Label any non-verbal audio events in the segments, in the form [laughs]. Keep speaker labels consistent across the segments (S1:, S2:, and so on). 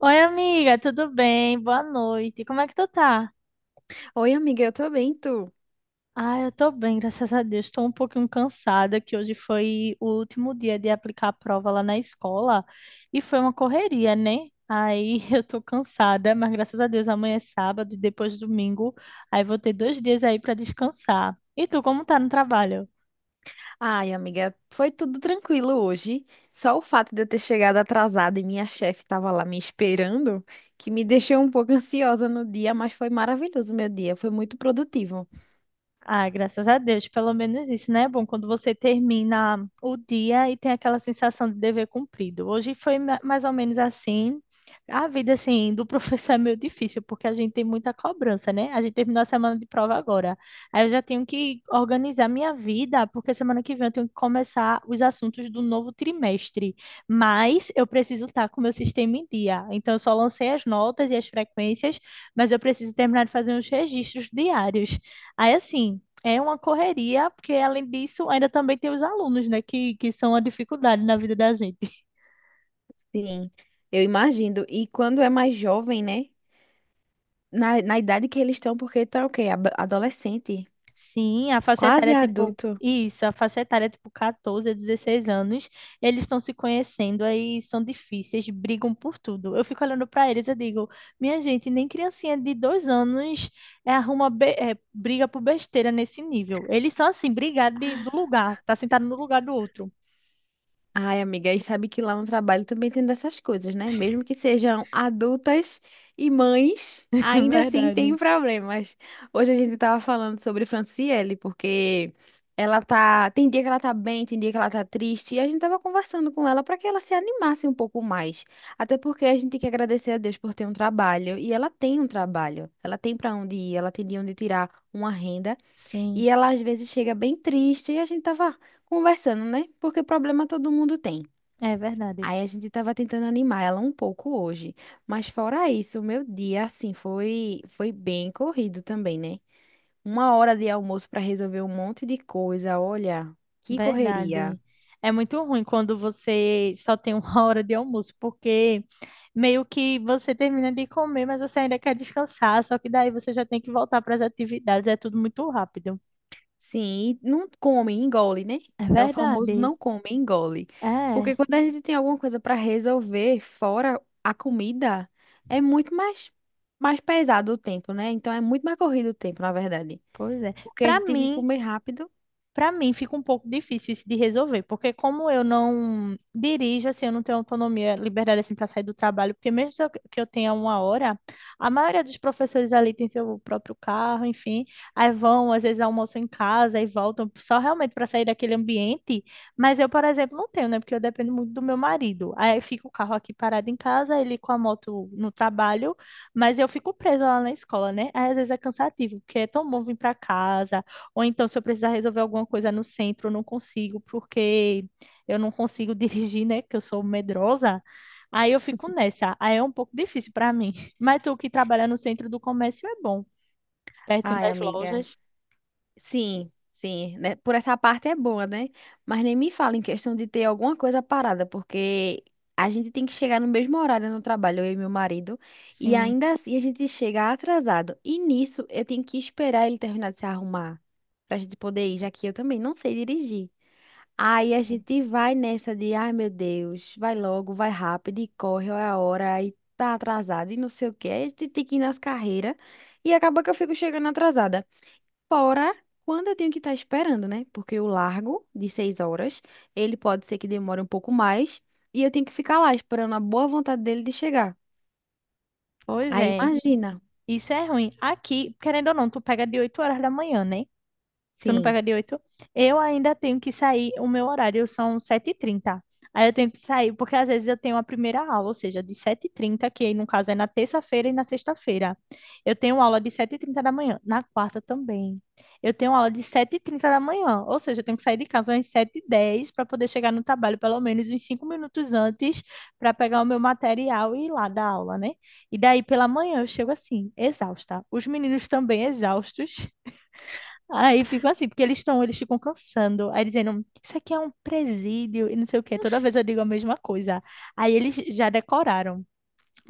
S1: Oi, amiga, tudo bem? Boa noite. Como é que tu tá?
S2: Oi, amiga, eu tô bem, tu?
S1: Ah, eu tô bem, graças a Deus. Tô um pouquinho cansada, que hoje foi o último dia de aplicar a prova lá na escola e foi uma correria, né? Aí [laughs] eu tô cansada, mas graças a Deus amanhã é sábado e depois domingo. Aí vou ter 2 dias aí pra descansar. E tu, como tá no trabalho?
S2: Ai, amiga, foi tudo tranquilo hoje. Só o fato de eu ter chegado atrasada e minha chefe tava lá me esperando, que me deixou um pouco [laughs] ansiosa no dia, mas foi maravilhoso o meu dia, foi muito produtivo.
S1: Ah, graças a Deus, pelo menos isso, né? É bom quando você termina o dia e tem aquela sensação de dever cumprido. Hoje foi mais ou menos assim. A vida, assim, do professor [laughs] é meio difícil, porque a gente tem muita cobrança, né? A gente terminou a semana de prova agora. Aí eu já tenho que organizar minha vida, porque semana que vem eu tenho que começar os assuntos do novo trimestre. Mas eu preciso estar com o meu sistema em dia. Então eu só lancei as notas e as frequências, mas eu preciso terminar de fazer uns registros diários. Aí, assim, é uma correria, porque além disso, ainda também tem os alunos, né, que são a dificuldade na vida da gente. [laughs]
S2: Sim, eu imagino. E quando é mais jovem, né? Na idade que eles estão, porque tá o quê? Ab- Adolescente,
S1: Sim, a faixa etária
S2: quase
S1: é tipo.
S2: adulto.
S1: Isso, a faixa etária é tipo 14 a 16 anos. Eles estão se conhecendo, aí são difíceis, brigam por tudo. Eu fico olhando para eles, eu digo, minha gente, nem criancinha de 2 anos briga por besteira nesse nível. Eles são assim, brigar do lugar, tá sentado no lugar do outro.
S2: Ai, amiga, e sabe que lá no trabalho também tem dessas coisas, né? Mesmo que sejam adultas e mães,
S1: [laughs] É
S2: ainda assim tem
S1: verdade.
S2: problemas. Hoje a gente tava falando sobre Franciele, porque ela tá, tem dia que ela tá bem, tem dia que ela tá triste, e a gente tava conversando com ela para que ela se animasse um pouco mais. Até porque a gente tem que agradecer a Deus por ter um trabalho, e ela tem um trabalho. Ela tem para onde ir, ela tem de onde tirar uma renda.
S1: Sim,
S2: E ela às vezes chega bem triste e a gente tava conversando, né? Porque problema todo mundo tem.
S1: é verdade.
S2: Aí a gente tava tentando animar ela um pouco hoje, mas fora isso, o meu dia assim foi bem corrido também, né? Uma hora de almoço para resolver um monte de coisa, olha, que correria.
S1: Verdade. É muito ruim quando você só tem uma [laughs] hora de almoço, porque meio que você termina de comer, mas você ainda quer descansar, só que daí você já tem que voltar para as atividades, é tudo muito rápido.
S2: Sim, e não come, engole, né?
S1: É
S2: É o famoso
S1: verdade.
S2: não come, engole.
S1: É,
S2: Porque quando a gente tem alguma coisa para resolver fora a comida, é muito mais pesado o tempo, né? Então é muito mais corrido o tempo, na verdade.
S1: pois é.
S2: Porque a
S1: Para
S2: gente tem que
S1: mim,
S2: comer rápido.
S1: Para mim fica um pouco difícil isso de resolver, porque como eu não dirijo, assim, eu não tenho autonomia, liberdade assim para sair do trabalho, porque mesmo se que eu tenha uma hora, a maioria dos professores ali tem seu próprio carro, enfim, aí vão, às vezes almoçam em casa e voltam só realmente para sair daquele ambiente, mas eu, por exemplo, não tenho, né, porque eu dependo muito do meu marido. Aí fica o carro aqui parado em casa, ele com a moto no trabalho, mas eu fico presa lá na escola, né? Aí às vezes é cansativo, porque é tão bom vir para casa ou então, se eu precisar resolver alguma coisa no centro, eu não consigo, porque eu não consigo [laughs] dirigir, né? Que eu sou medrosa. Aí eu fico nessa. Aí é um pouco difícil para mim. [laughs] Mas tu que trabalha no centro do comércio é bom, pertinho
S2: Ai,
S1: das
S2: amiga.
S1: lojas.
S2: Sim, sim, né? Por essa parte é boa, né? Mas nem me fala em questão de ter alguma coisa parada, porque a gente tem que chegar no mesmo horário no trabalho, eu e meu marido, e
S1: Sim.
S2: ainda assim a gente chega atrasado. E nisso eu tenho que esperar ele terminar de se arrumar pra gente poder ir, já que eu também não sei dirigir. Aí a gente vai nessa de, ai meu Deus, vai logo, vai rápido e corre, olha a hora, aí tá atrasado e não sei o quê. Aí a gente tem que ir nas carreiras e acaba que eu fico chegando atrasada. Fora quando eu tenho que estar esperando, né? Porque o largo de 6 horas, ele pode ser que demore um pouco mais e eu tenho que ficar lá esperando a boa vontade dele de chegar.
S1: Pois
S2: Aí
S1: é.
S2: imagina.
S1: Isso é ruim. Aqui, querendo ou não, tu pega de 8 horas da manhã, né? Tu não
S2: Sim.
S1: pega de 8. Eu ainda tenho que sair, o meu horário são 7:30. Aí eu tenho que sair, porque às vezes eu tenho a primeira aula, ou seja, de 7:30 que aí no caso é na terça-feira e na sexta-feira. Eu tenho aula de 7:30 da manhã, na quarta também. Eu tenho aula de sete e trinta da manhã, ou seja, eu tenho que sair de casa às 7:10 para poder chegar no trabalho pelo menos uns 5 minutos antes para pegar o meu material e ir lá dar aula, né? E daí pela manhã eu chego assim, exausta. Os meninos também exaustos. Aí fico assim, porque eles estão, eles ficam cansando. Aí dizendo, isso aqui é um presídio e não sei o quê. Toda vez eu digo a mesma coisa. Aí eles já decoraram.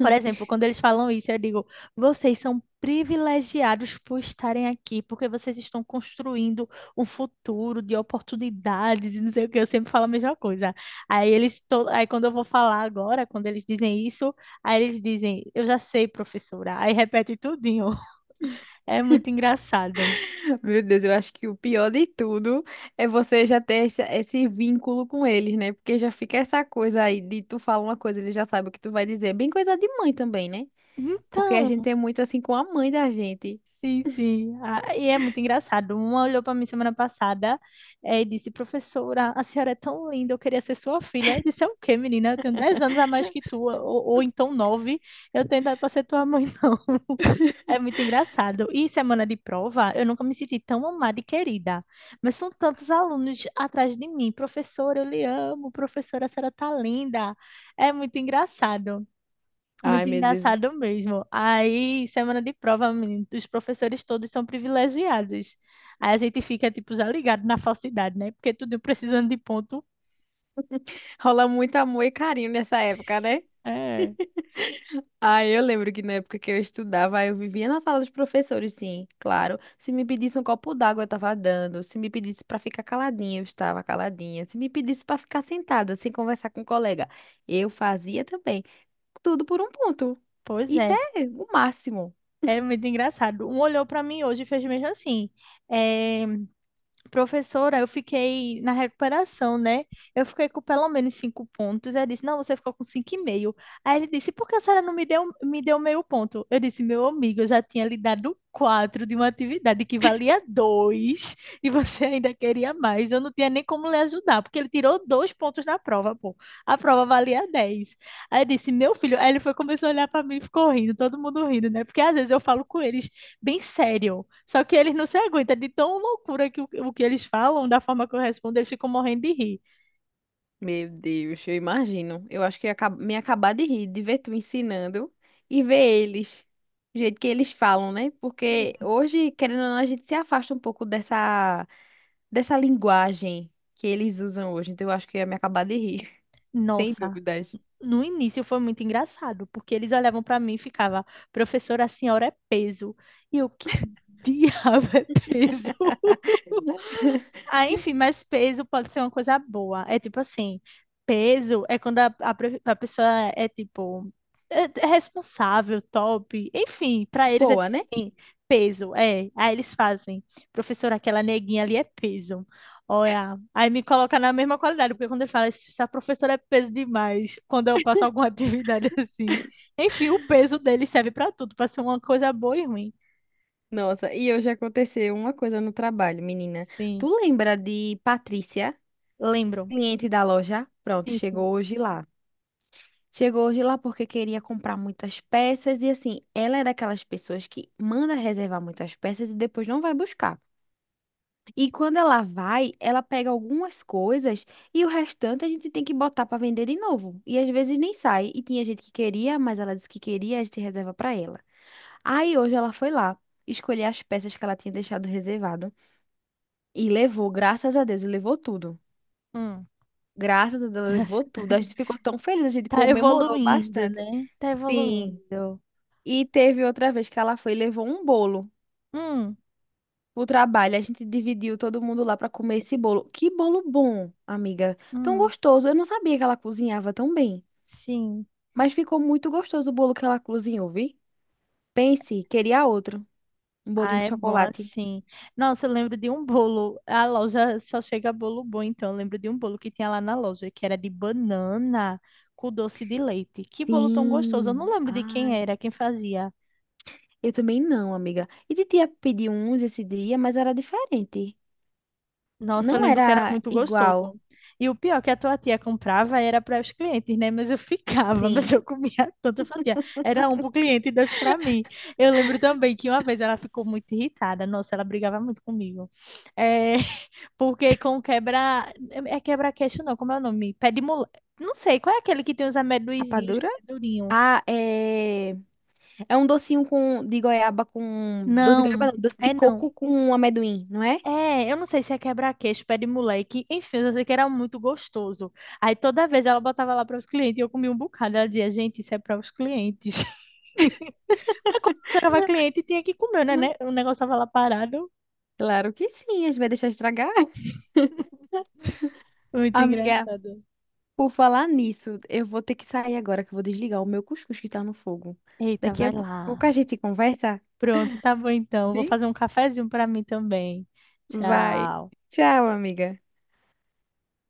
S1: Por exemplo, quando eles falam isso, eu digo, vocês são privilegiados por estarem aqui, porque vocês estão construindo um futuro de oportunidades e não sei o quê. Eu sempre falo a mesma coisa. Aí eles, aí quando eu vou falar agora, quando eles dizem isso, aí eles dizem, eu já sei, professora. Aí repete tudinho. [laughs] É muito engraçado.
S2: Meu Deus, eu acho que o pior de tudo é você já ter esse vínculo com eles, né? Porque já fica essa coisa aí de tu falar uma coisa, ele já sabe o que tu vai dizer. Bem coisa de mãe também, né? Porque a
S1: Então,
S2: gente é muito assim com a mãe da gente.
S1: sim, sim. Ah, e é muito engraçado. Uma olhou para mim semana passada, e disse: Professora, a senhora é tão linda, eu queria ser sua filha. Eu disse: É o quê, menina? Eu tenho 10 anos a mais que tu, ou então nove. Eu tenho idade para ser tua mãe, não. [laughs] É muito engraçado. E semana de prova, eu nunca me senti tão amada e querida. Mas são tantos alunos atrás de mim. Professora, eu lhe amo. Professora, a senhora tá linda. É muito engraçado.
S2: Ai,
S1: Muito
S2: meu Deus.
S1: engraçado mesmo. Aí, semana de prova, menino, os professores todos são privilegiados. Aí a gente fica, tipo, já ligado na falsidade, né? Porque tudo precisando de ponto.
S2: Rola muito amor e carinho nessa época, né?
S1: É,
S2: Ah, eu lembro que na época que eu estudava, eu vivia na sala dos professores, sim, claro. Se me pedisse um copo d'água, eu estava dando. Se me pedisse para ficar caladinha, eu estava caladinha. Se me pedisse para ficar sentada, sem conversar com o colega, eu fazia também. Tudo por um ponto.
S1: pois
S2: Isso
S1: é.
S2: é o máximo.
S1: É muito engraçado. Um olhou para mim hoje e fez mesmo assim. É, professora, eu fiquei na recuperação, né? Eu fiquei com pelo menos 5 pontos. Ele disse, não, você ficou com 5,5. Aí ele disse, por que a senhora não me deu, me deu meio ponto? Eu disse, meu amigo, eu já tinha lhe dado quatro de uma atividade que valia dois e você [laughs] ainda queria mais. Eu não tinha nem como lhe ajudar, porque ele tirou 2 pontos na prova, pô. A prova valia dez. Aí eu disse, meu filho. Aí ele foi, começou a olhar pra mim e ficou rindo, todo mundo rindo, né? Porque às vezes eu falo com eles bem sério, só que eles não se aguentam de tão loucura que o que eles falam, da forma que eu respondo, eles ficam morrendo de rir.
S2: Meu Deus, eu imagino. Eu acho que ia acab- me acabar de rir, de ver tu ensinando e ver eles. Do jeito que eles falam, né? Porque
S1: Uhum.
S2: hoje, querendo ou não, a gente se afasta um pouco dessa. Dessa linguagem que eles usam hoje. Então eu acho que eu ia me acabar de rir, [laughs] sem
S1: Nossa,
S2: dúvidas.
S1: no início foi muito engraçado, porque eles olhavam pra mim e ficavam, professora, a senhora é peso. E eu, que diabo é peso? [laughs]
S2: [laughs]
S1: Ah, enfim, mas peso pode ser uma coisa boa. É tipo assim, peso é quando a pessoa é tipo é, é responsável, top. Enfim, pra eles é
S2: Boa,
S1: tipo
S2: né?
S1: assim, peso, é. Aí eles fazem, professora, aquela neguinha ali é peso. Olha, aí me coloca na mesma qualidade, porque quando ele fala, essa professora é peso demais, quando eu passo alguma [laughs] atividade assim. Enfim, o peso dele serve pra tudo, pra ser uma coisa boa e ruim.
S2: Nossa, e hoje aconteceu uma coisa no trabalho, menina. Tu
S1: Sim,
S2: lembra de Patrícia,
S1: lembro.
S2: cliente da loja? Pronto,
S1: Sim, sim.
S2: chegou hoje lá. Chegou hoje lá porque queria comprar muitas peças e assim, ela é daquelas pessoas que manda reservar muitas peças e depois não vai buscar. E quando ela vai, ela pega algumas coisas e o restante a gente tem que botar para vender de novo. E às vezes nem sai. E tinha gente que queria, mas ela disse que queria, a gente reserva para ela. Aí hoje ela foi lá, escolher as peças que ela tinha deixado reservado e levou, graças a Deus, e levou tudo.
S1: Hum.
S2: Graças a Deus, ela levou tudo. A gente ficou tão feliz, a gente
S1: Tá
S2: comemorou
S1: evoluindo,
S2: bastante.
S1: né? Tá
S2: Sim.
S1: evoluindo.
S2: E teve outra vez que ela foi e levou um bolo.
S1: Hum,
S2: O trabalho, a gente dividiu todo mundo lá para comer esse bolo. Que bolo bom, amiga. Tão
S1: hum,
S2: gostoso. Eu não sabia que ela cozinhava tão bem.
S1: sim.
S2: Mas ficou muito gostoso o bolo que ela cozinhou, vi? Pense, queria outro. Um
S1: Ah,
S2: bolinho de
S1: é bom
S2: chocolate.
S1: assim. Nossa, eu lembro de um bolo. A loja só chega bolo bom, então eu lembro de um bolo que tinha lá na loja, que era de banana com doce de leite. Que bolo tão gostoso. Eu não
S2: Sim.
S1: lembro de quem
S2: Ai.
S1: era, quem fazia.
S2: Eu também não, amiga. E titia pediu uns esse dia, mas era diferente.
S1: Nossa, eu
S2: Não
S1: lembro que era
S2: era
S1: muito gostoso.
S2: igual.
S1: E o pior que a tua tia comprava era para os clientes, né? Mas eu ficava, [laughs] mas
S2: Sim.
S1: eu comia tanta fatia. Era um para o cliente e dois para mim. Eu lembro também que uma vez ela ficou muito irritada. Nossa, ela brigava muito comigo. É, [laughs] porque com quebra. É quebra-queixo, não, como é o nome? Não sei, qual é aquele que tem os amendoinzinhos
S2: Rapadura?
S1: que é durinho?
S2: Ah, é. É um docinho com... de goiaba com. Doce de
S1: Não,
S2: goiaba, não. Doce de
S1: é não.
S2: coco com amendoim, não é?
S1: É, eu não sei se é quebra-queixo, pé de moleque, enfim, eu só sei que era muito gostoso. Aí toda vez ela botava lá para os clientes e eu comia um bocado. Ela dizia, gente, isso é para os clientes. [laughs] Mas quando chegava cliente, tinha que comer, né? O negócio tava lá parado.
S2: Claro que sim, a gente vai deixar estragar. [laughs]
S1: Muito
S2: Amiga,
S1: engraçado.
S2: por falar nisso, eu vou ter que sair agora, que eu vou desligar o meu cuscuz que tá no fogo.
S1: Eita,
S2: Daqui
S1: vai
S2: a pouco
S1: lá.
S2: a gente conversa?
S1: Pronto, tá bom então. Vou
S2: Bem,
S1: fazer um cafezinho para mim também.
S2: vai.
S1: Tchau.
S2: Tchau, amiga.